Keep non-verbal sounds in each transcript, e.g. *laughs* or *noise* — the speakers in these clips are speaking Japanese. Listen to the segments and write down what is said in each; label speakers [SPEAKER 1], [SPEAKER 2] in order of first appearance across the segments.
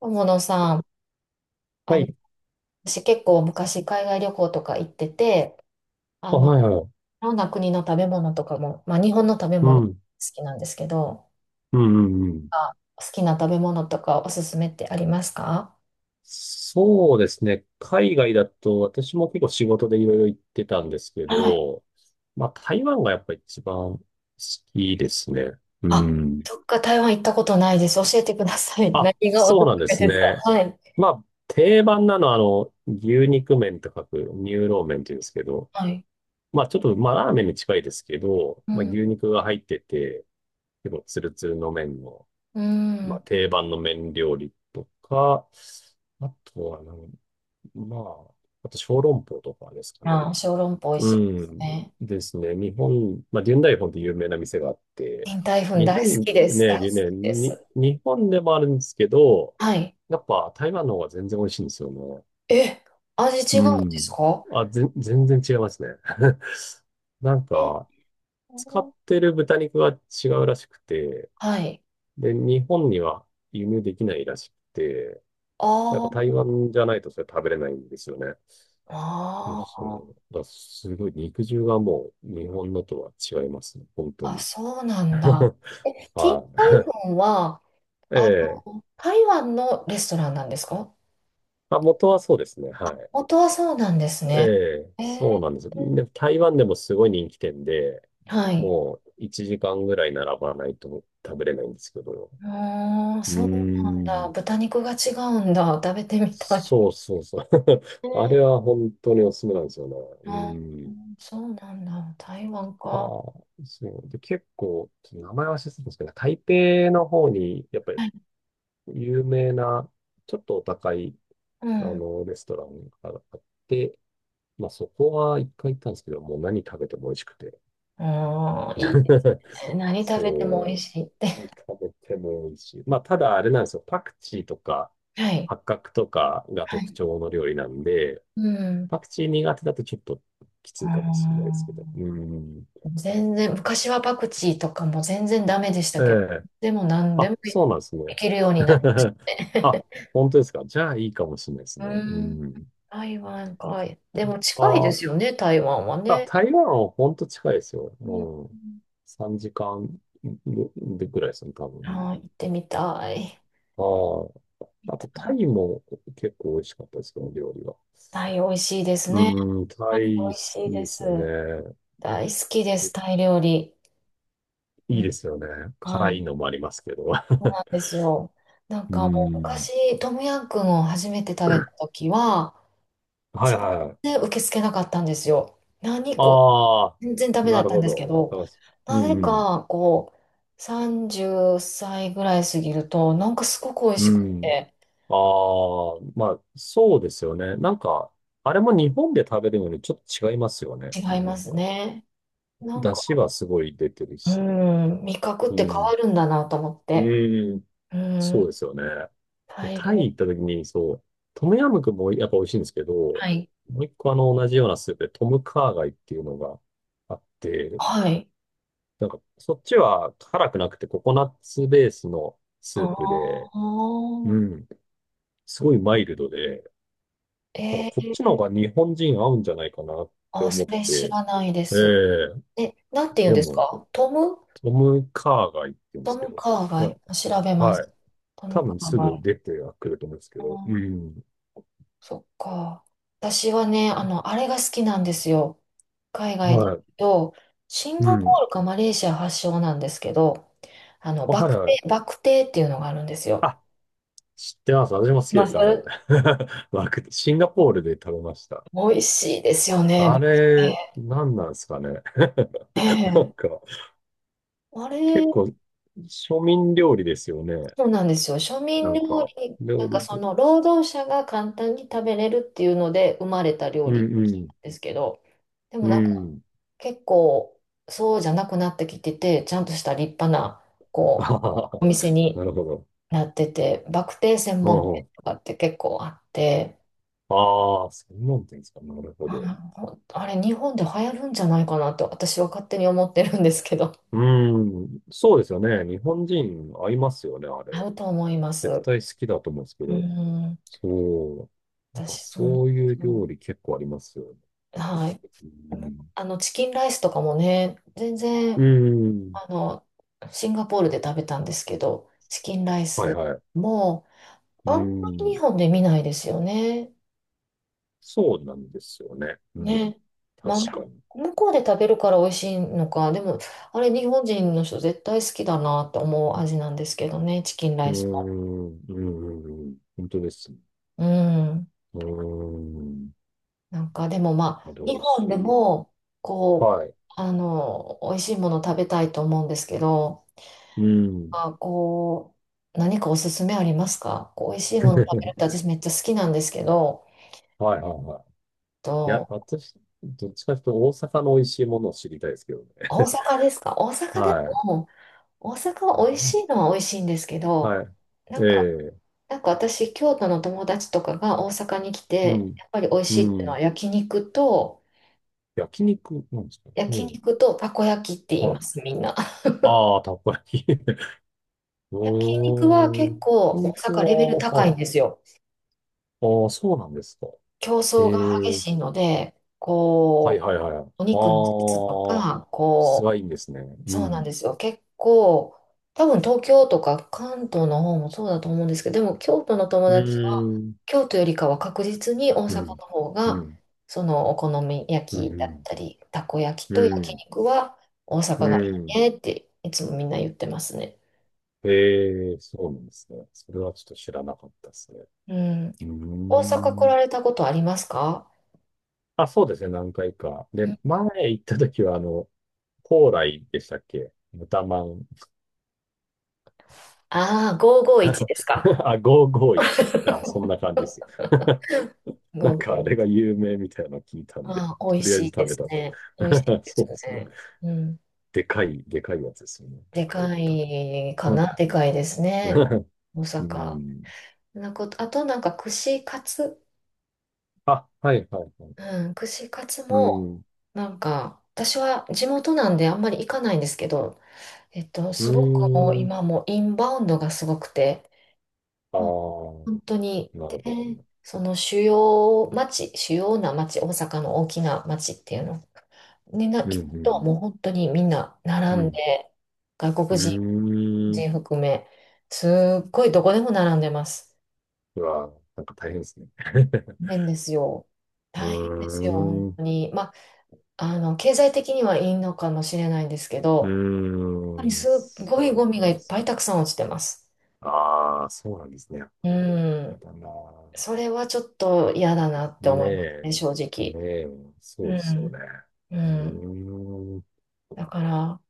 [SPEAKER 1] 友野さん、あ
[SPEAKER 2] は
[SPEAKER 1] の、
[SPEAKER 2] い。
[SPEAKER 1] 私結構昔海外旅行とか行ってて、
[SPEAKER 2] あ、
[SPEAKER 1] い
[SPEAKER 2] はいはい、
[SPEAKER 1] ろんな国の食べ物とかも、まあ日本の食べ物好きなんですけど、
[SPEAKER 2] うんうんうん。うん、
[SPEAKER 1] あ、好きな食べ物とかおすすめってありますか？
[SPEAKER 2] そうですね。海外だと、私も結構仕事でいろいろ行ってたんですけど、まあ台湾がやっぱり一番好きですね。う
[SPEAKER 1] あ、
[SPEAKER 2] ん。
[SPEAKER 1] どっか台湾行ったことないです。教えてください。*laughs* 何
[SPEAKER 2] あ、
[SPEAKER 1] がお
[SPEAKER 2] そ
[SPEAKER 1] す
[SPEAKER 2] う
[SPEAKER 1] す
[SPEAKER 2] なんで
[SPEAKER 1] め
[SPEAKER 2] す
[SPEAKER 1] ですか？
[SPEAKER 2] ね。
[SPEAKER 1] はい。
[SPEAKER 2] まあ、定番なのは、あの、牛肉麺と書く、乳老麺って言うんですけど、
[SPEAKER 1] はい。
[SPEAKER 2] まあちょっと、まあラーメンに近いですけど、
[SPEAKER 1] う
[SPEAKER 2] まあ
[SPEAKER 1] ん。
[SPEAKER 2] 牛肉が入ってて、結構ツルツルの麺の、
[SPEAKER 1] う
[SPEAKER 2] まあ、
[SPEAKER 1] ん。
[SPEAKER 2] 定番の麺料理とか、あとはなん、まあ、あと小籠包とかですかね。
[SPEAKER 1] あ、小籠包美味
[SPEAKER 2] う
[SPEAKER 1] しいです
[SPEAKER 2] ん。
[SPEAKER 1] ね。
[SPEAKER 2] ですね。日本、まあ、現代本で有名な店があって、
[SPEAKER 1] 林台粉
[SPEAKER 2] 日
[SPEAKER 1] 大好
[SPEAKER 2] 本
[SPEAKER 1] きです。大
[SPEAKER 2] ね、
[SPEAKER 1] 好き
[SPEAKER 2] でね、
[SPEAKER 1] です。
[SPEAKER 2] に、日本でもあるんですけど、
[SPEAKER 1] はい。
[SPEAKER 2] やっぱ台湾の方が全然美味しいんですよね。
[SPEAKER 1] え、味違うん
[SPEAKER 2] う
[SPEAKER 1] です
[SPEAKER 2] ん。
[SPEAKER 1] か？
[SPEAKER 2] あ、全然違いますね。*laughs* なん
[SPEAKER 1] え、
[SPEAKER 2] か、使ってる豚肉が違うらしくて、
[SPEAKER 1] はい。
[SPEAKER 2] で、日本には輸入できないらしくて、やっ
[SPEAKER 1] あ
[SPEAKER 2] ぱ台
[SPEAKER 1] あ。
[SPEAKER 2] 湾じゃないとそれ食べれないんですよね。そうそう。
[SPEAKER 1] あ
[SPEAKER 2] だからすごい肉汁はもう日本のとは違いますね。本当
[SPEAKER 1] あ、あ、
[SPEAKER 2] に。
[SPEAKER 1] そうなんだ。
[SPEAKER 2] *laughs*
[SPEAKER 1] え、ティー
[SPEAKER 2] は
[SPEAKER 1] タイフォンは、
[SPEAKER 2] い。え
[SPEAKER 1] あ、
[SPEAKER 2] え。
[SPEAKER 1] 台湾のレストランなんですか？
[SPEAKER 2] あ、元はそうですね。はい。
[SPEAKER 1] 元はそうなんです
[SPEAKER 2] え
[SPEAKER 1] ね。
[SPEAKER 2] え、
[SPEAKER 1] え
[SPEAKER 2] そ
[SPEAKER 1] ー、
[SPEAKER 2] うなんです。で、台湾でもすごい人気店で、
[SPEAKER 1] はい。
[SPEAKER 2] もう1時間ぐらい並ばないと食べれないんですけど。
[SPEAKER 1] うーん、
[SPEAKER 2] うー
[SPEAKER 1] そうなんだ。
[SPEAKER 2] ん。
[SPEAKER 1] 豚肉が違うんだ。食べてみたい。
[SPEAKER 2] そうそうそう。*laughs* あ
[SPEAKER 1] ね。
[SPEAKER 2] れは本当におすすめなんですよね。うー
[SPEAKER 1] あ。う
[SPEAKER 2] ん。
[SPEAKER 1] ん。そうなんだ。台湾か。
[SPEAKER 2] ああ、そう。で、結構、ちょっと名前は忘れてたんですけど、台北の方に、やっぱり
[SPEAKER 1] はい。
[SPEAKER 2] 有名な、ちょっとお高い、
[SPEAKER 1] う
[SPEAKER 2] あ
[SPEAKER 1] ん。う
[SPEAKER 2] の、レストランがあって、まあそこは一回行ったんですけど、もう何食べても美味しくて。
[SPEAKER 1] ーん、いいです
[SPEAKER 2] *laughs*
[SPEAKER 1] ね。何食べても美味
[SPEAKER 2] そう。
[SPEAKER 1] しいって。
[SPEAKER 2] 何食べても美味しい。まあただあれなんですよ。パクチーとか、
[SPEAKER 1] *laughs* はい。
[SPEAKER 2] 八角とかが
[SPEAKER 1] は
[SPEAKER 2] 特
[SPEAKER 1] い。
[SPEAKER 2] 徴の料理なんで、
[SPEAKER 1] うん。う
[SPEAKER 2] パクチー苦手だとちょっとき
[SPEAKER 1] ー
[SPEAKER 2] ついかもしれないですけど。うん。
[SPEAKER 1] ん、全然、昔はパクチーとかも全然ダメでし
[SPEAKER 2] え
[SPEAKER 1] たけど、
[SPEAKER 2] え、
[SPEAKER 1] でも何でも
[SPEAKER 2] あ、そうなんですね。
[SPEAKER 1] いけるようになりまし
[SPEAKER 2] *laughs*
[SPEAKER 1] た
[SPEAKER 2] あ、
[SPEAKER 1] ね。
[SPEAKER 2] 本当ですか？じゃあいいかもしれないで
[SPEAKER 1] *laughs*
[SPEAKER 2] す
[SPEAKER 1] う
[SPEAKER 2] ね。う
[SPEAKER 1] ん、
[SPEAKER 2] ん。
[SPEAKER 1] 台湾かい。でも近い
[SPEAKER 2] あ
[SPEAKER 1] です
[SPEAKER 2] ー、
[SPEAKER 1] よね、台湾は
[SPEAKER 2] あ、
[SPEAKER 1] ね。
[SPEAKER 2] 台湾は本当近いですよ。
[SPEAKER 1] うん、
[SPEAKER 2] うん。3時間でぐらいですね、多分。う
[SPEAKER 1] あー、
[SPEAKER 2] ん。
[SPEAKER 1] 行ってみたい。
[SPEAKER 2] あ
[SPEAKER 1] み
[SPEAKER 2] あ、あ
[SPEAKER 1] た
[SPEAKER 2] とタ
[SPEAKER 1] い。
[SPEAKER 2] イも結構美味しかったですけど、料理は。
[SPEAKER 1] タイ美味しいですね。
[SPEAKER 2] うん、タ
[SPEAKER 1] タイ美
[SPEAKER 2] イ
[SPEAKER 1] 味
[SPEAKER 2] 好き
[SPEAKER 1] しいで
[SPEAKER 2] ですよ
[SPEAKER 1] す。
[SPEAKER 2] ね。
[SPEAKER 1] 大好きで
[SPEAKER 2] で、
[SPEAKER 1] す、タイ料理。う
[SPEAKER 2] いい
[SPEAKER 1] ん、
[SPEAKER 2] ですよね。
[SPEAKER 1] は
[SPEAKER 2] 辛い
[SPEAKER 1] い、
[SPEAKER 2] のもありますけど。
[SPEAKER 1] そうなんですよ。なん
[SPEAKER 2] *laughs* う
[SPEAKER 1] かもう
[SPEAKER 2] ん。
[SPEAKER 1] 昔、トムヤンクンを初めて食べた時は、
[SPEAKER 2] はい
[SPEAKER 1] 全
[SPEAKER 2] はい。
[SPEAKER 1] 然受け付けなかったんですよ。何こ
[SPEAKER 2] ああ、
[SPEAKER 1] れ、全然ダメだ
[SPEAKER 2] な
[SPEAKER 1] っ
[SPEAKER 2] る
[SPEAKER 1] たん
[SPEAKER 2] ほ
[SPEAKER 1] で
[SPEAKER 2] ど。
[SPEAKER 1] すけ
[SPEAKER 2] わか
[SPEAKER 1] ど、
[SPEAKER 2] ります。う
[SPEAKER 1] なぜ
[SPEAKER 2] んうん。
[SPEAKER 1] か、こう、30歳ぐらい過ぎると、なんかすごく美味
[SPEAKER 2] う
[SPEAKER 1] しく
[SPEAKER 2] ん。
[SPEAKER 1] て、
[SPEAKER 2] ああ、まあ、そうですよね。なんか、あれも日本で食べるのにちょっと違いますよね。
[SPEAKER 1] 違い
[SPEAKER 2] な
[SPEAKER 1] ま
[SPEAKER 2] ん
[SPEAKER 1] す
[SPEAKER 2] か、
[SPEAKER 1] ね。なん
[SPEAKER 2] 出
[SPEAKER 1] か、
[SPEAKER 2] 汁はすごい出てる
[SPEAKER 1] う
[SPEAKER 2] し。
[SPEAKER 1] ん、味覚っ
[SPEAKER 2] う
[SPEAKER 1] て変わ
[SPEAKER 2] ん。
[SPEAKER 1] るんだなと思って。
[SPEAKER 2] うん。
[SPEAKER 1] う
[SPEAKER 2] そうで
[SPEAKER 1] ん、
[SPEAKER 2] すよね。で、
[SPEAKER 1] 大
[SPEAKER 2] タイ
[SPEAKER 1] 量。
[SPEAKER 2] 行った時に、そう、トムヤムクンもやっぱ美味しいんですけど、も
[SPEAKER 1] はい。
[SPEAKER 2] う一個あの同じようなスープでトムカーガイっていうのがあって、
[SPEAKER 1] はい。
[SPEAKER 2] なんか、そっちは辛くなくてココナッツベースのス
[SPEAKER 1] あ
[SPEAKER 2] ープで、う
[SPEAKER 1] あ、
[SPEAKER 2] ん。すごいマイルドで、なんか
[SPEAKER 1] え
[SPEAKER 2] こっ
[SPEAKER 1] ー、
[SPEAKER 2] ちの方が日本人合うんじゃないかなって
[SPEAKER 1] あ、
[SPEAKER 2] 思っ
[SPEAKER 1] それ知
[SPEAKER 2] て、
[SPEAKER 1] らないで
[SPEAKER 2] え
[SPEAKER 1] す。
[SPEAKER 2] え、
[SPEAKER 1] え、なんて言うん
[SPEAKER 2] で
[SPEAKER 1] です
[SPEAKER 2] も、
[SPEAKER 1] かトム、
[SPEAKER 2] トム・カーが言ってるんで
[SPEAKER 1] ト
[SPEAKER 2] すけ
[SPEAKER 1] ム
[SPEAKER 2] ど、
[SPEAKER 1] カー
[SPEAKER 2] カ
[SPEAKER 1] バイ。
[SPEAKER 2] ー、
[SPEAKER 1] 調べま
[SPEAKER 2] は
[SPEAKER 1] す。
[SPEAKER 2] い。
[SPEAKER 1] ト
[SPEAKER 2] 多
[SPEAKER 1] ムカ
[SPEAKER 2] 分
[SPEAKER 1] ー
[SPEAKER 2] す
[SPEAKER 1] バ
[SPEAKER 2] ぐ
[SPEAKER 1] イ。
[SPEAKER 2] 出てはくると思うんですけど、うん。
[SPEAKER 1] そっか。私はね、あれが好きなんですよ。海外で言
[SPEAKER 2] はい。
[SPEAKER 1] うと、シン
[SPEAKER 2] う
[SPEAKER 1] ガポ
[SPEAKER 2] ん。
[SPEAKER 1] ールかマレーシア発祥なんですけど、
[SPEAKER 2] あ、はいはい。
[SPEAKER 1] バクテーっていうのがあるんですよ。
[SPEAKER 2] あ、知ってます。私も好き
[SPEAKER 1] ま
[SPEAKER 2] で
[SPEAKER 1] あ、そ
[SPEAKER 2] す、あ
[SPEAKER 1] れ、
[SPEAKER 2] れ。*laughs* わく、シンガポールで食べました。
[SPEAKER 1] 美味しいですよね、バ
[SPEAKER 2] あ
[SPEAKER 1] ク
[SPEAKER 2] れ、
[SPEAKER 1] テ
[SPEAKER 2] 何なんですかね。
[SPEAKER 1] ー。ね
[SPEAKER 2] *laughs* なん
[SPEAKER 1] え、
[SPEAKER 2] か、
[SPEAKER 1] あれ、
[SPEAKER 2] 結構、庶民料理ですよね。
[SPEAKER 1] そうなんですよ。庶
[SPEAKER 2] な
[SPEAKER 1] 民料
[SPEAKER 2] んか、
[SPEAKER 1] 理、な
[SPEAKER 2] 料
[SPEAKER 1] んか
[SPEAKER 2] 理
[SPEAKER 1] そ
[SPEAKER 2] で。
[SPEAKER 1] の労働者が簡単に食べれるっていうので生まれた料
[SPEAKER 2] う
[SPEAKER 1] 理
[SPEAKER 2] んうん。
[SPEAKER 1] ですけど、でも
[SPEAKER 2] う
[SPEAKER 1] なんか
[SPEAKER 2] ん。
[SPEAKER 1] 結構そうじゃなくなってきてて、ちゃんとした立派な
[SPEAKER 2] *laughs* あ
[SPEAKER 1] こ
[SPEAKER 2] は
[SPEAKER 1] う
[SPEAKER 2] は、
[SPEAKER 1] お店に
[SPEAKER 2] なるほど。
[SPEAKER 1] なってて、バクテー専
[SPEAKER 2] う
[SPEAKER 1] 門
[SPEAKER 2] んう
[SPEAKER 1] 店
[SPEAKER 2] ん、
[SPEAKER 1] とかって結構あって、
[SPEAKER 2] ああ、専門店ですか。なるほど。
[SPEAKER 1] あ、あれ日本で流行るんじゃないかなと私は勝手に思ってるんですけど、
[SPEAKER 2] うーん、そうですよね。日本人合いますよね、あれ。
[SPEAKER 1] 合うと思いま
[SPEAKER 2] 絶
[SPEAKER 1] す。
[SPEAKER 2] 対好きだと思うんですけ
[SPEAKER 1] う
[SPEAKER 2] ど。
[SPEAKER 1] ん、
[SPEAKER 2] そう。なんか
[SPEAKER 1] 私そう。
[SPEAKER 2] そういう料理結構ありますよね。
[SPEAKER 1] はい。
[SPEAKER 2] うん。
[SPEAKER 1] チキンライスとかもね、全
[SPEAKER 2] うー
[SPEAKER 1] 然、
[SPEAKER 2] ん。
[SPEAKER 1] あの、シンガポールで食べたんですけど、チキンライ
[SPEAKER 2] はい
[SPEAKER 1] ス
[SPEAKER 2] はい。
[SPEAKER 1] も、
[SPEAKER 2] うー
[SPEAKER 1] あんまり日
[SPEAKER 2] ん。
[SPEAKER 1] 本で見ないですよね。
[SPEAKER 2] そうなんですよね。うん。
[SPEAKER 1] ね。
[SPEAKER 2] 確
[SPEAKER 1] まあ、
[SPEAKER 2] かに。
[SPEAKER 1] 向こうで食べるから美味しいのか、でも、あれ、日本人の人絶対好きだなと思う味なんですけどね、チキンラ
[SPEAKER 2] うー
[SPEAKER 1] イ
[SPEAKER 2] ん。
[SPEAKER 1] スも。
[SPEAKER 2] うんうんうん。本当ですね。
[SPEAKER 1] うん。
[SPEAKER 2] うーん。
[SPEAKER 1] なんか、でもま
[SPEAKER 2] まだ
[SPEAKER 1] あ、
[SPEAKER 2] 美
[SPEAKER 1] 日
[SPEAKER 2] 味
[SPEAKER 1] 本
[SPEAKER 2] し
[SPEAKER 1] で
[SPEAKER 2] い。
[SPEAKER 1] も、こう、
[SPEAKER 2] はい。
[SPEAKER 1] 美味しいもの食べたいと思うんですけど、
[SPEAKER 2] うん。
[SPEAKER 1] あ、こう、何かおすすめありますか？こう、美味しいもの食べるっ
[SPEAKER 2] *laughs*
[SPEAKER 1] て私めっちゃ好きなんですけど、
[SPEAKER 2] はいはいはい。いや、
[SPEAKER 1] と、
[SPEAKER 2] 私、どっちかというと大阪の美味しいものを知りたいですけどね。
[SPEAKER 1] 大阪ですか？大
[SPEAKER 2] *laughs*
[SPEAKER 1] 阪で
[SPEAKER 2] はい。
[SPEAKER 1] も、大阪は美味しいのは美味しいんですけど、
[SPEAKER 2] は
[SPEAKER 1] な
[SPEAKER 2] い。
[SPEAKER 1] んか、
[SPEAKER 2] ええ、
[SPEAKER 1] 私、京都の友達とかが大阪に来
[SPEAKER 2] う
[SPEAKER 1] て、
[SPEAKER 2] ん。
[SPEAKER 1] やっぱり美味
[SPEAKER 2] う
[SPEAKER 1] しいっていうのは
[SPEAKER 2] ん。
[SPEAKER 1] 焼肉と、
[SPEAKER 2] 焼肉なんですか？うん。
[SPEAKER 1] たこ焼きって言いま
[SPEAKER 2] はい。
[SPEAKER 1] す、みんな。*laughs*
[SPEAKER 2] ああ、たっぷり。*laughs* う
[SPEAKER 1] 焼肉は
[SPEAKER 2] ーん。
[SPEAKER 1] 結構
[SPEAKER 2] 焼
[SPEAKER 1] 大
[SPEAKER 2] 肉
[SPEAKER 1] 阪レベル
[SPEAKER 2] は、
[SPEAKER 1] 高い
[SPEAKER 2] は
[SPEAKER 1] ん
[SPEAKER 2] い。
[SPEAKER 1] ですよ。
[SPEAKER 2] ああ、そうなんですか。
[SPEAKER 1] 競争が激
[SPEAKER 2] ええ、
[SPEAKER 1] しいので、
[SPEAKER 2] はい
[SPEAKER 1] こ
[SPEAKER 2] はいはい。あ
[SPEAKER 1] う、お肉の質と
[SPEAKER 2] あ、
[SPEAKER 1] か、
[SPEAKER 2] 質
[SPEAKER 1] こ
[SPEAKER 2] がいいんですね。
[SPEAKER 1] う、
[SPEAKER 2] う
[SPEAKER 1] そうなんで
[SPEAKER 2] ん。
[SPEAKER 1] すよ。結構、多分東京とか関東の方もそうだと思うんですけど、でも京都の友
[SPEAKER 2] う
[SPEAKER 1] 達は
[SPEAKER 2] ーん。
[SPEAKER 1] 京都よりかは確実に大
[SPEAKER 2] う
[SPEAKER 1] 阪の
[SPEAKER 2] ん。
[SPEAKER 1] 方
[SPEAKER 2] う
[SPEAKER 1] が、
[SPEAKER 2] ん。
[SPEAKER 1] そのお好み
[SPEAKER 2] う
[SPEAKER 1] 焼きだっ
[SPEAKER 2] ん。
[SPEAKER 1] たり、たこ焼き
[SPEAKER 2] う
[SPEAKER 1] と焼
[SPEAKER 2] ん。
[SPEAKER 1] 肉は大阪
[SPEAKER 2] う
[SPEAKER 1] がい
[SPEAKER 2] ん。う
[SPEAKER 1] い
[SPEAKER 2] ん、
[SPEAKER 1] ねっていつもみんな言ってますね。
[SPEAKER 2] ええ、そうなんですね。それはちょっと知らなかったですね。
[SPEAKER 1] うん。
[SPEAKER 2] うー
[SPEAKER 1] 大阪来
[SPEAKER 2] ん。
[SPEAKER 1] られたことありますか？
[SPEAKER 2] あ、そうですね、何回か。で、前行った時は、あの、高麗でしたっけ、豚まん。
[SPEAKER 1] ああー、551ですか？
[SPEAKER 2] *laughs* あ、551。あ、そんな
[SPEAKER 1] *laughs*
[SPEAKER 2] 感じですよ。*laughs* なんかあれが
[SPEAKER 1] 551。
[SPEAKER 2] 有名みたいなの聞いたんで、
[SPEAKER 1] ああ、美
[SPEAKER 2] と
[SPEAKER 1] 味
[SPEAKER 2] りあえ
[SPEAKER 1] し
[SPEAKER 2] ず
[SPEAKER 1] いで
[SPEAKER 2] 食べ
[SPEAKER 1] す
[SPEAKER 2] たと。
[SPEAKER 1] ね。美味しい
[SPEAKER 2] *laughs*
[SPEAKER 1] で
[SPEAKER 2] そ
[SPEAKER 1] す
[SPEAKER 2] うですね。
[SPEAKER 1] ね。うん。
[SPEAKER 2] でかい、でかいやつですよね。で
[SPEAKER 1] で
[SPEAKER 2] かい
[SPEAKER 1] か
[SPEAKER 2] 豚
[SPEAKER 1] いか
[SPEAKER 2] まん。
[SPEAKER 1] な、でかいです
[SPEAKER 2] うん。
[SPEAKER 1] ね。
[SPEAKER 2] *laughs*
[SPEAKER 1] 大
[SPEAKER 2] う
[SPEAKER 1] 阪。
[SPEAKER 2] ん、
[SPEAKER 1] なんか、あとなんか串カツ、
[SPEAKER 2] あ、はいはいはい。
[SPEAKER 1] うん、串カツ
[SPEAKER 2] う
[SPEAKER 1] も、
[SPEAKER 2] ん。
[SPEAKER 1] なんか、私は地元なんであんまり行かないんですけど、
[SPEAKER 2] う
[SPEAKER 1] すごくもう
[SPEAKER 2] ーん。
[SPEAKER 1] 今もうインバウンドがすごくて、
[SPEAKER 2] ああ。
[SPEAKER 1] あ、本当に、
[SPEAKER 2] なるほど
[SPEAKER 1] で、
[SPEAKER 2] ね。
[SPEAKER 1] その主要な町、大阪の大きな町っていうのにな
[SPEAKER 2] う
[SPEAKER 1] 行くと、
[SPEAKER 2] ん、
[SPEAKER 1] もう本当にみんな
[SPEAKER 2] うん、
[SPEAKER 1] 並
[SPEAKER 2] う
[SPEAKER 1] ん
[SPEAKER 2] ん。
[SPEAKER 1] で、外
[SPEAKER 2] う
[SPEAKER 1] 国人
[SPEAKER 2] ーん。
[SPEAKER 1] 全含め。すっごいどこでも並んでます。
[SPEAKER 2] うわ、なんか大変ですね。*laughs*
[SPEAKER 1] 大変ですよ。
[SPEAKER 2] う
[SPEAKER 1] 大変で
[SPEAKER 2] ー
[SPEAKER 1] すよ、本
[SPEAKER 2] ん。う
[SPEAKER 1] 当に。まあ、経済的にはいいのかもしれないんですけ
[SPEAKER 2] ー
[SPEAKER 1] ど、やっぱり
[SPEAKER 2] ん。
[SPEAKER 1] すっごいゴ
[SPEAKER 2] そう
[SPEAKER 1] ミ
[SPEAKER 2] な
[SPEAKER 1] が
[SPEAKER 2] ん
[SPEAKER 1] い
[SPEAKER 2] で
[SPEAKER 1] っ
[SPEAKER 2] す
[SPEAKER 1] ぱ
[SPEAKER 2] ね。
[SPEAKER 1] いたくさん落ちてます。
[SPEAKER 2] ああ、そうなんですね、やっぱ
[SPEAKER 1] う
[SPEAKER 2] り。や
[SPEAKER 1] ん。
[SPEAKER 2] だなぁ。
[SPEAKER 1] それはちょっと嫌だなって
[SPEAKER 2] ね
[SPEAKER 1] 思います
[SPEAKER 2] え。
[SPEAKER 1] ね、正
[SPEAKER 2] ね
[SPEAKER 1] 直。
[SPEAKER 2] え。
[SPEAKER 1] う
[SPEAKER 2] そうですよ
[SPEAKER 1] ん。
[SPEAKER 2] ね。
[SPEAKER 1] う
[SPEAKER 2] う
[SPEAKER 1] ん。
[SPEAKER 2] ーん。
[SPEAKER 1] だから、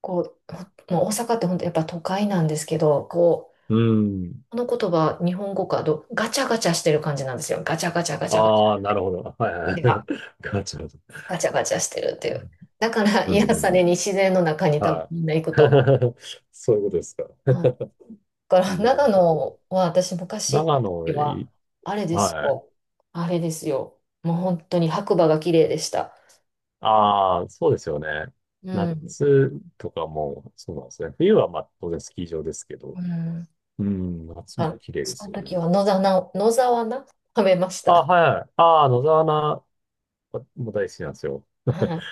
[SPEAKER 1] こう、もう大阪って本当やっぱ都会なんですけど、こ
[SPEAKER 2] う
[SPEAKER 1] う、
[SPEAKER 2] ん。
[SPEAKER 1] この言葉、日本語かど、ガチャガチャしてる感じなんですよ。ガチャガチャガチャガチ
[SPEAKER 2] ああ、なるほど。はいはい。
[SPEAKER 1] ャ。
[SPEAKER 2] *laughs* ガチャガチャ。
[SPEAKER 1] ガチャガチャしてるっていう。だから
[SPEAKER 2] うんう
[SPEAKER 1] 癒さ
[SPEAKER 2] んう
[SPEAKER 1] れ
[SPEAKER 2] ん。
[SPEAKER 1] に自然の中に多分
[SPEAKER 2] は
[SPEAKER 1] みんな行
[SPEAKER 2] い。
[SPEAKER 1] くと思
[SPEAKER 2] *laughs* そういうことですか？
[SPEAKER 1] う。はい。だから
[SPEAKER 2] な
[SPEAKER 1] 長
[SPEAKER 2] るほど。
[SPEAKER 1] 野は私昔行っ
[SPEAKER 2] 長
[SPEAKER 1] た時
[SPEAKER 2] 野、
[SPEAKER 1] は、あれです
[SPEAKER 2] はい。
[SPEAKER 1] よ。あれですよ。もう本当に白馬が綺麗でした。
[SPEAKER 2] ああ、そうですよね。
[SPEAKER 1] うん。
[SPEAKER 2] 夏とかも、そうなんですね。冬はまあ当然スキー場ですけど、
[SPEAKER 1] うん。
[SPEAKER 2] うん、夏も
[SPEAKER 1] あ、
[SPEAKER 2] 綺麗で
[SPEAKER 1] そ
[SPEAKER 2] す
[SPEAKER 1] の
[SPEAKER 2] よね。
[SPEAKER 1] 時
[SPEAKER 2] 確か。
[SPEAKER 1] は野沢菜食べまし
[SPEAKER 2] あ *laughs* あ、
[SPEAKER 1] た。
[SPEAKER 2] はい。ああ、野沢菜も大好きなんですよ。*laughs*
[SPEAKER 1] はい。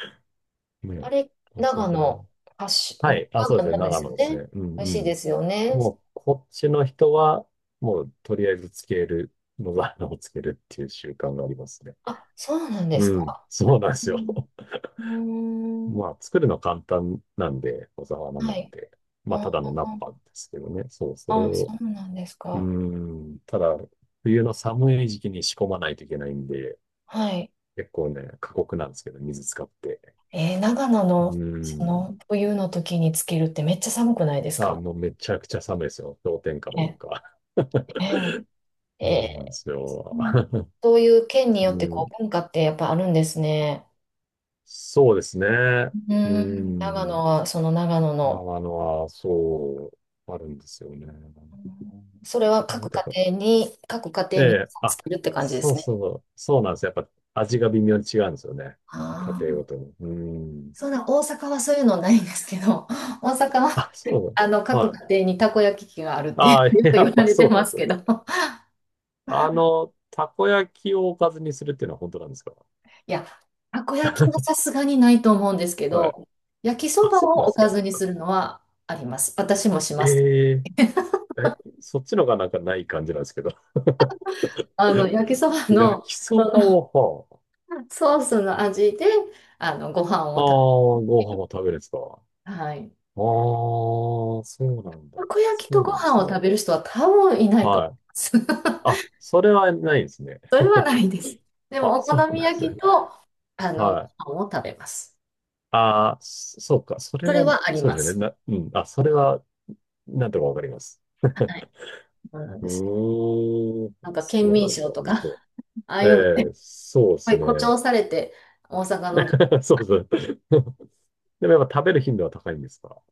[SPEAKER 1] あ
[SPEAKER 2] ね
[SPEAKER 1] れ、
[SPEAKER 2] え、野沢
[SPEAKER 1] 長
[SPEAKER 2] 菜も。
[SPEAKER 1] 野発祥、
[SPEAKER 2] は
[SPEAKER 1] 長
[SPEAKER 2] い。あ、そうです
[SPEAKER 1] 野
[SPEAKER 2] ね。
[SPEAKER 1] なんで
[SPEAKER 2] 長
[SPEAKER 1] す
[SPEAKER 2] 野
[SPEAKER 1] よ
[SPEAKER 2] です
[SPEAKER 1] ね。
[SPEAKER 2] ね。う
[SPEAKER 1] 美味しい
[SPEAKER 2] んう
[SPEAKER 1] で
[SPEAKER 2] ん。
[SPEAKER 1] すよね。
[SPEAKER 2] もう、こっちの人は、もう、とりあえずつける、野沢菜をつけるっていう習慣がありますね。
[SPEAKER 1] あ、そうなんで
[SPEAKER 2] う
[SPEAKER 1] す
[SPEAKER 2] ん。
[SPEAKER 1] か。
[SPEAKER 2] そうなんで
[SPEAKER 1] う
[SPEAKER 2] すよ。
[SPEAKER 1] ん。うー
[SPEAKER 2] ま
[SPEAKER 1] ん。
[SPEAKER 2] あ、作るの簡単なんで、小沢菜
[SPEAKER 1] は
[SPEAKER 2] なん
[SPEAKER 1] い。
[SPEAKER 2] て。まあ、
[SPEAKER 1] あ
[SPEAKER 2] ただの菜っぱですけどね。そう、それ
[SPEAKER 1] あ、そ
[SPEAKER 2] を、
[SPEAKER 1] うなんです
[SPEAKER 2] うー
[SPEAKER 1] か。
[SPEAKER 2] ん、ただ、冬の寒い時期に仕込まないといけないんで、
[SPEAKER 1] はい。
[SPEAKER 2] 結構ね、過酷なんですけど、水使って。
[SPEAKER 1] 長野
[SPEAKER 2] う
[SPEAKER 1] の、そ
[SPEAKER 2] ー
[SPEAKER 1] の、
[SPEAKER 2] ん。
[SPEAKER 1] 冬の時につけるってめっちゃ寒くないです
[SPEAKER 2] あ、
[SPEAKER 1] か？
[SPEAKER 2] もうめちゃくちゃ寒いですよ。氷点下の
[SPEAKER 1] ね、
[SPEAKER 2] 中。
[SPEAKER 1] え
[SPEAKER 2] *laughs*
[SPEAKER 1] ー、
[SPEAKER 2] そうなんで
[SPEAKER 1] え
[SPEAKER 2] す
[SPEAKER 1] ー
[SPEAKER 2] よ。
[SPEAKER 1] うん、
[SPEAKER 2] *laughs*
[SPEAKER 1] そういう県によって
[SPEAKER 2] う
[SPEAKER 1] こ
[SPEAKER 2] ん、
[SPEAKER 1] う文化ってやっぱあるんですね。
[SPEAKER 2] そうですね。
[SPEAKER 1] う
[SPEAKER 2] う
[SPEAKER 1] ん、長野
[SPEAKER 2] ん。
[SPEAKER 1] はその長野の、
[SPEAKER 2] 長野は、そう、あるんですよね。
[SPEAKER 1] うん、それは
[SPEAKER 2] やっぱ、
[SPEAKER 1] 各家
[SPEAKER 2] え
[SPEAKER 1] 庭皆
[SPEAKER 2] え、
[SPEAKER 1] さんつ
[SPEAKER 2] あ、
[SPEAKER 1] けるって感じで
[SPEAKER 2] そ
[SPEAKER 1] す
[SPEAKER 2] う
[SPEAKER 1] ね。
[SPEAKER 2] そうそう、そうなんですよ。やっぱ味が微妙に違うんですよね。家
[SPEAKER 1] あ
[SPEAKER 2] 庭ご
[SPEAKER 1] あ、
[SPEAKER 2] とに。うん。
[SPEAKER 1] そんな大阪はそういうのないんですけど、大阪は
[SPEAKER 2] あ、
[SPEAKER 1] *laughs*
[SPEAKER 2] そうだ。
[SPEAKER 1] 各
[SPEAKER 2] はい。
[SPEAKER 1] 家庭にたこ焼き器があるってよ
[SPEAKER 2] ああ、*laughs*
[SPEAKER 1] く
[SPEAKER 2] や
[SPEAKER 1] 言わ
[SPEAKER 2] っぱ
[SPEAKER 1] れて
[SPEAKER 2] そうなん
[SPEAKER 1] ま
[SPEAKER 2] で
[SPEAKER 1] す
[SPEAKER 2] すよ
[SPEAKER 1] け
[SPEAKER 2] ね。
[SPEAKER 1] ど。
[SPEAKER 2] あの、たこ焼きをおかずにするっていうのは本当なんですか？
[SPEAKER 1] いや、たこ焼きはさすがにないと思うんですけ
[SPEAKER 2] はい。
[SPEAKER 1] ど、焼きそ
[SPEAKER 2] あ、
[SPEAKER 1] ば
[SPEAKER 2] そうな
[SPEAKER 1] を
[SPEAKER 2] ん
[SPEAKER 1] お
[SPEAKER 2] ですか。
[SPEAKER 1] かずにするのはあります。私もします。
[SPEAKER 2] ええ、え、そっちのがなんかない感じなんですけど。*laughs*
[SPEAKER 1] 焼きそば
[SPEAKER 2] 焼
[SPEAKER 1] の、
[SPEAKER 2] きそ
[SPEAKER 1] そ
[SPEAKER 2] ば
[SPEAKER 1] の
[SPEAKER 2] を、
[SPEAKER 1] ソースの味で、ご飯を
[SPEAKER 2] はあ、ああ、
[SPEAKER 1] 食
[SPEAKER 2] ご飯を食べるんですか？あ
[SPEAKER 1] べ、はい。
[SPEAKER 2] あ、そうなんだ。
[SPEAKER 1] たこ
[SPEAKER 2] そ
[SPEAKER 1] 焼きと
[SPEAKER 2] う
[SPEAKER 1] ご
[SPEAKER 2] なんで
[SPEAKER 1] 飯
[SPEAKER 2] す
[SPEAKER 1] を
[SPEAKER 2] ね。
[SPEAKER 1] 食べる人は多分いないと
[SPEAKER 2] はい。
[SPEAKER 1] 思いま
[SPEAKER 2] あ、
[SPEAKER 1] す。
[SPEAKER 2] それはないですね。
[SPEAKER 1] *laughs* それはないです。で
[SPEAKER 2] あ、
[SPEAKER 1] も、お
[SPEAKER 2] そ
[SPEAKER 1] 好
[SPEAKER 2] う
[SPEAKER 1] み
[SPEAKER 2] なんですね。
[SPEAKER 1] 焼きと、
[SPEAKER 2] はい。
[SPEAKER 1] ご飯を食べます。
[SPEAKER 2] ああ、そ、そうか。それ
[SPEAKER 1] それ
[SPEAKER 2] は、
[SPEAKER 1] はあり
[SPEAKER 2] そう
[SPEAKER 1] ま
[SPEAKER 2] ですよね。
[SPEAKER 1] す。
[SPEAKER 2] うん。あ、それは、なんとかわかります。
[SPEAKER 1] は
[SPEAKER 2] *laughs*
[SPEAKER 1] い。そうなん
[SPEAKER 2] う
[SPEAKER 1] です。
[SPEAKER 2] ーん。
[SPEAKER 1] なんか、県
[SPEAKER 2] そうな
[SPEAKER 1] 民
[SPEAKER 2] んだ。
[SPEAKER 1] 賞とか、
[SPEAKER 2] 面白
[SPEAKER 1] ああ
[SPEAKER 2] い。え
[SPEAKER 1] いうの、やっ
[SPEAKER 2] え、そうで
[SPEAKER 1] ぱ
[SPEAKER 2] す
[SPEAKER 1] り誇
[SPEAKER 2] ね。
[SPEAKER 1] 張されて、大阪の女
[SPEAKER 2] *laughs* そうですね。*laughs* でもやっぱ食べる頻度は高いんですか？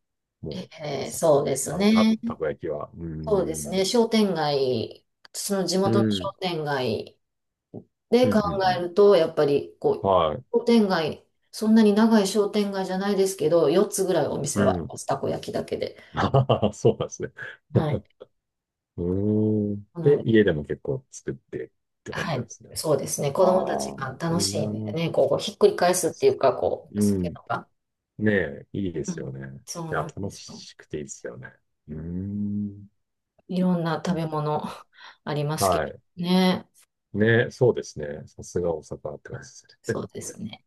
[SPEAKER 2] もう、大阪
[SPEAKER 1] そ
[SPEAKER 2] と
[SPEAKER 1] う
[SPEAKER 2] か。
[SPEAKER 1] です
[SPEAKER 2] あの、
[SPEAKER 1] ね。
[SPEAKER 2] たこ焼きは。うー
[SPEAKER 1] そうですね。
[SPEAKER 2] ん。
[SPEAKER 1] 商店街、その地
[SPEAKER 2] う
[SPEAKER 1] 元の商
[SPEAKER 2] ん。
[SPEAKER 1] 店街
[SPEAKER 2] う
[SPEAKER 1] で
[SPEAKER 2] ん、う
[SPEAKER 1] 考
[SPEAKER 2] ん、う
[SPEAKER 1] え
[SPEAKER 2] ん。
[SPEAKER 1] ると、やっぱりこ
[SPEAKER 2] はい。
[SPEAKER 1] う、商店街、そんなに長い商店街じゃないですけど、4つぐらいお
[SPEAKER 2] う
[SPEAKER 1] 店は
[SPEAKER 2] ん。
[SPEAKER 1] たこ焼きだけで。
[SPEAKER 2] *laughs* ああ、そうなんですね。
[SPEAKER 1] はい。
[SPEAKER 2] *laughs* うーん。
[SPEAKER 1] なの
[SPEAKER 2] で、
[SPEAKER 1] で、
[SPEAKER 2] 家でも結構作ってって感
[SPEAKER 1] は
[SPEAKER 2] じなん
[SPEAKER 1] い。
[SPEAKER 2] ですね。
[SPEAKER 1] そうですね。子供たち
[SPEAKER 2] ああ、
[SPEAKER 1] が楽しい
[SPEAKER 2] 今
[SPEAKER 1] んで
[SPEAKER 2] の、
[SPEAKER 1] ね、こう、ひっくり返すっていうか、こう、
[SPEAKER 2] う
[SPEAKER 1] そういうの
[SPEAKER 2] ん。
[SPEAKER 1] が。
[SPEAKER 2] ねえ、いいで
[SPEAKER 1] う
[SPEAKER 2] すよ
[SPEAKER 1] ん。
[SPEAKER 2] ね。
[SPEAKER 1] そ
[SPEAKER 2] い
[SPEAKER 1] う
[SPEAKER 2] や、
[SPEAKER 1] なんで
[SPEAKER 2] 楽
[SPEAKER 1] すよ。
[SPEAKER 2] しくていいですよね。うーん。
[SPEAKER 1] いろんな食べ物ありますけ
[SPEAKER 2] はい。
[SPEAKER 1] どね。
[SPEAKER 2] ね、そうですね。さすが大阪って感じです
[SPEAKER 1] そうですね。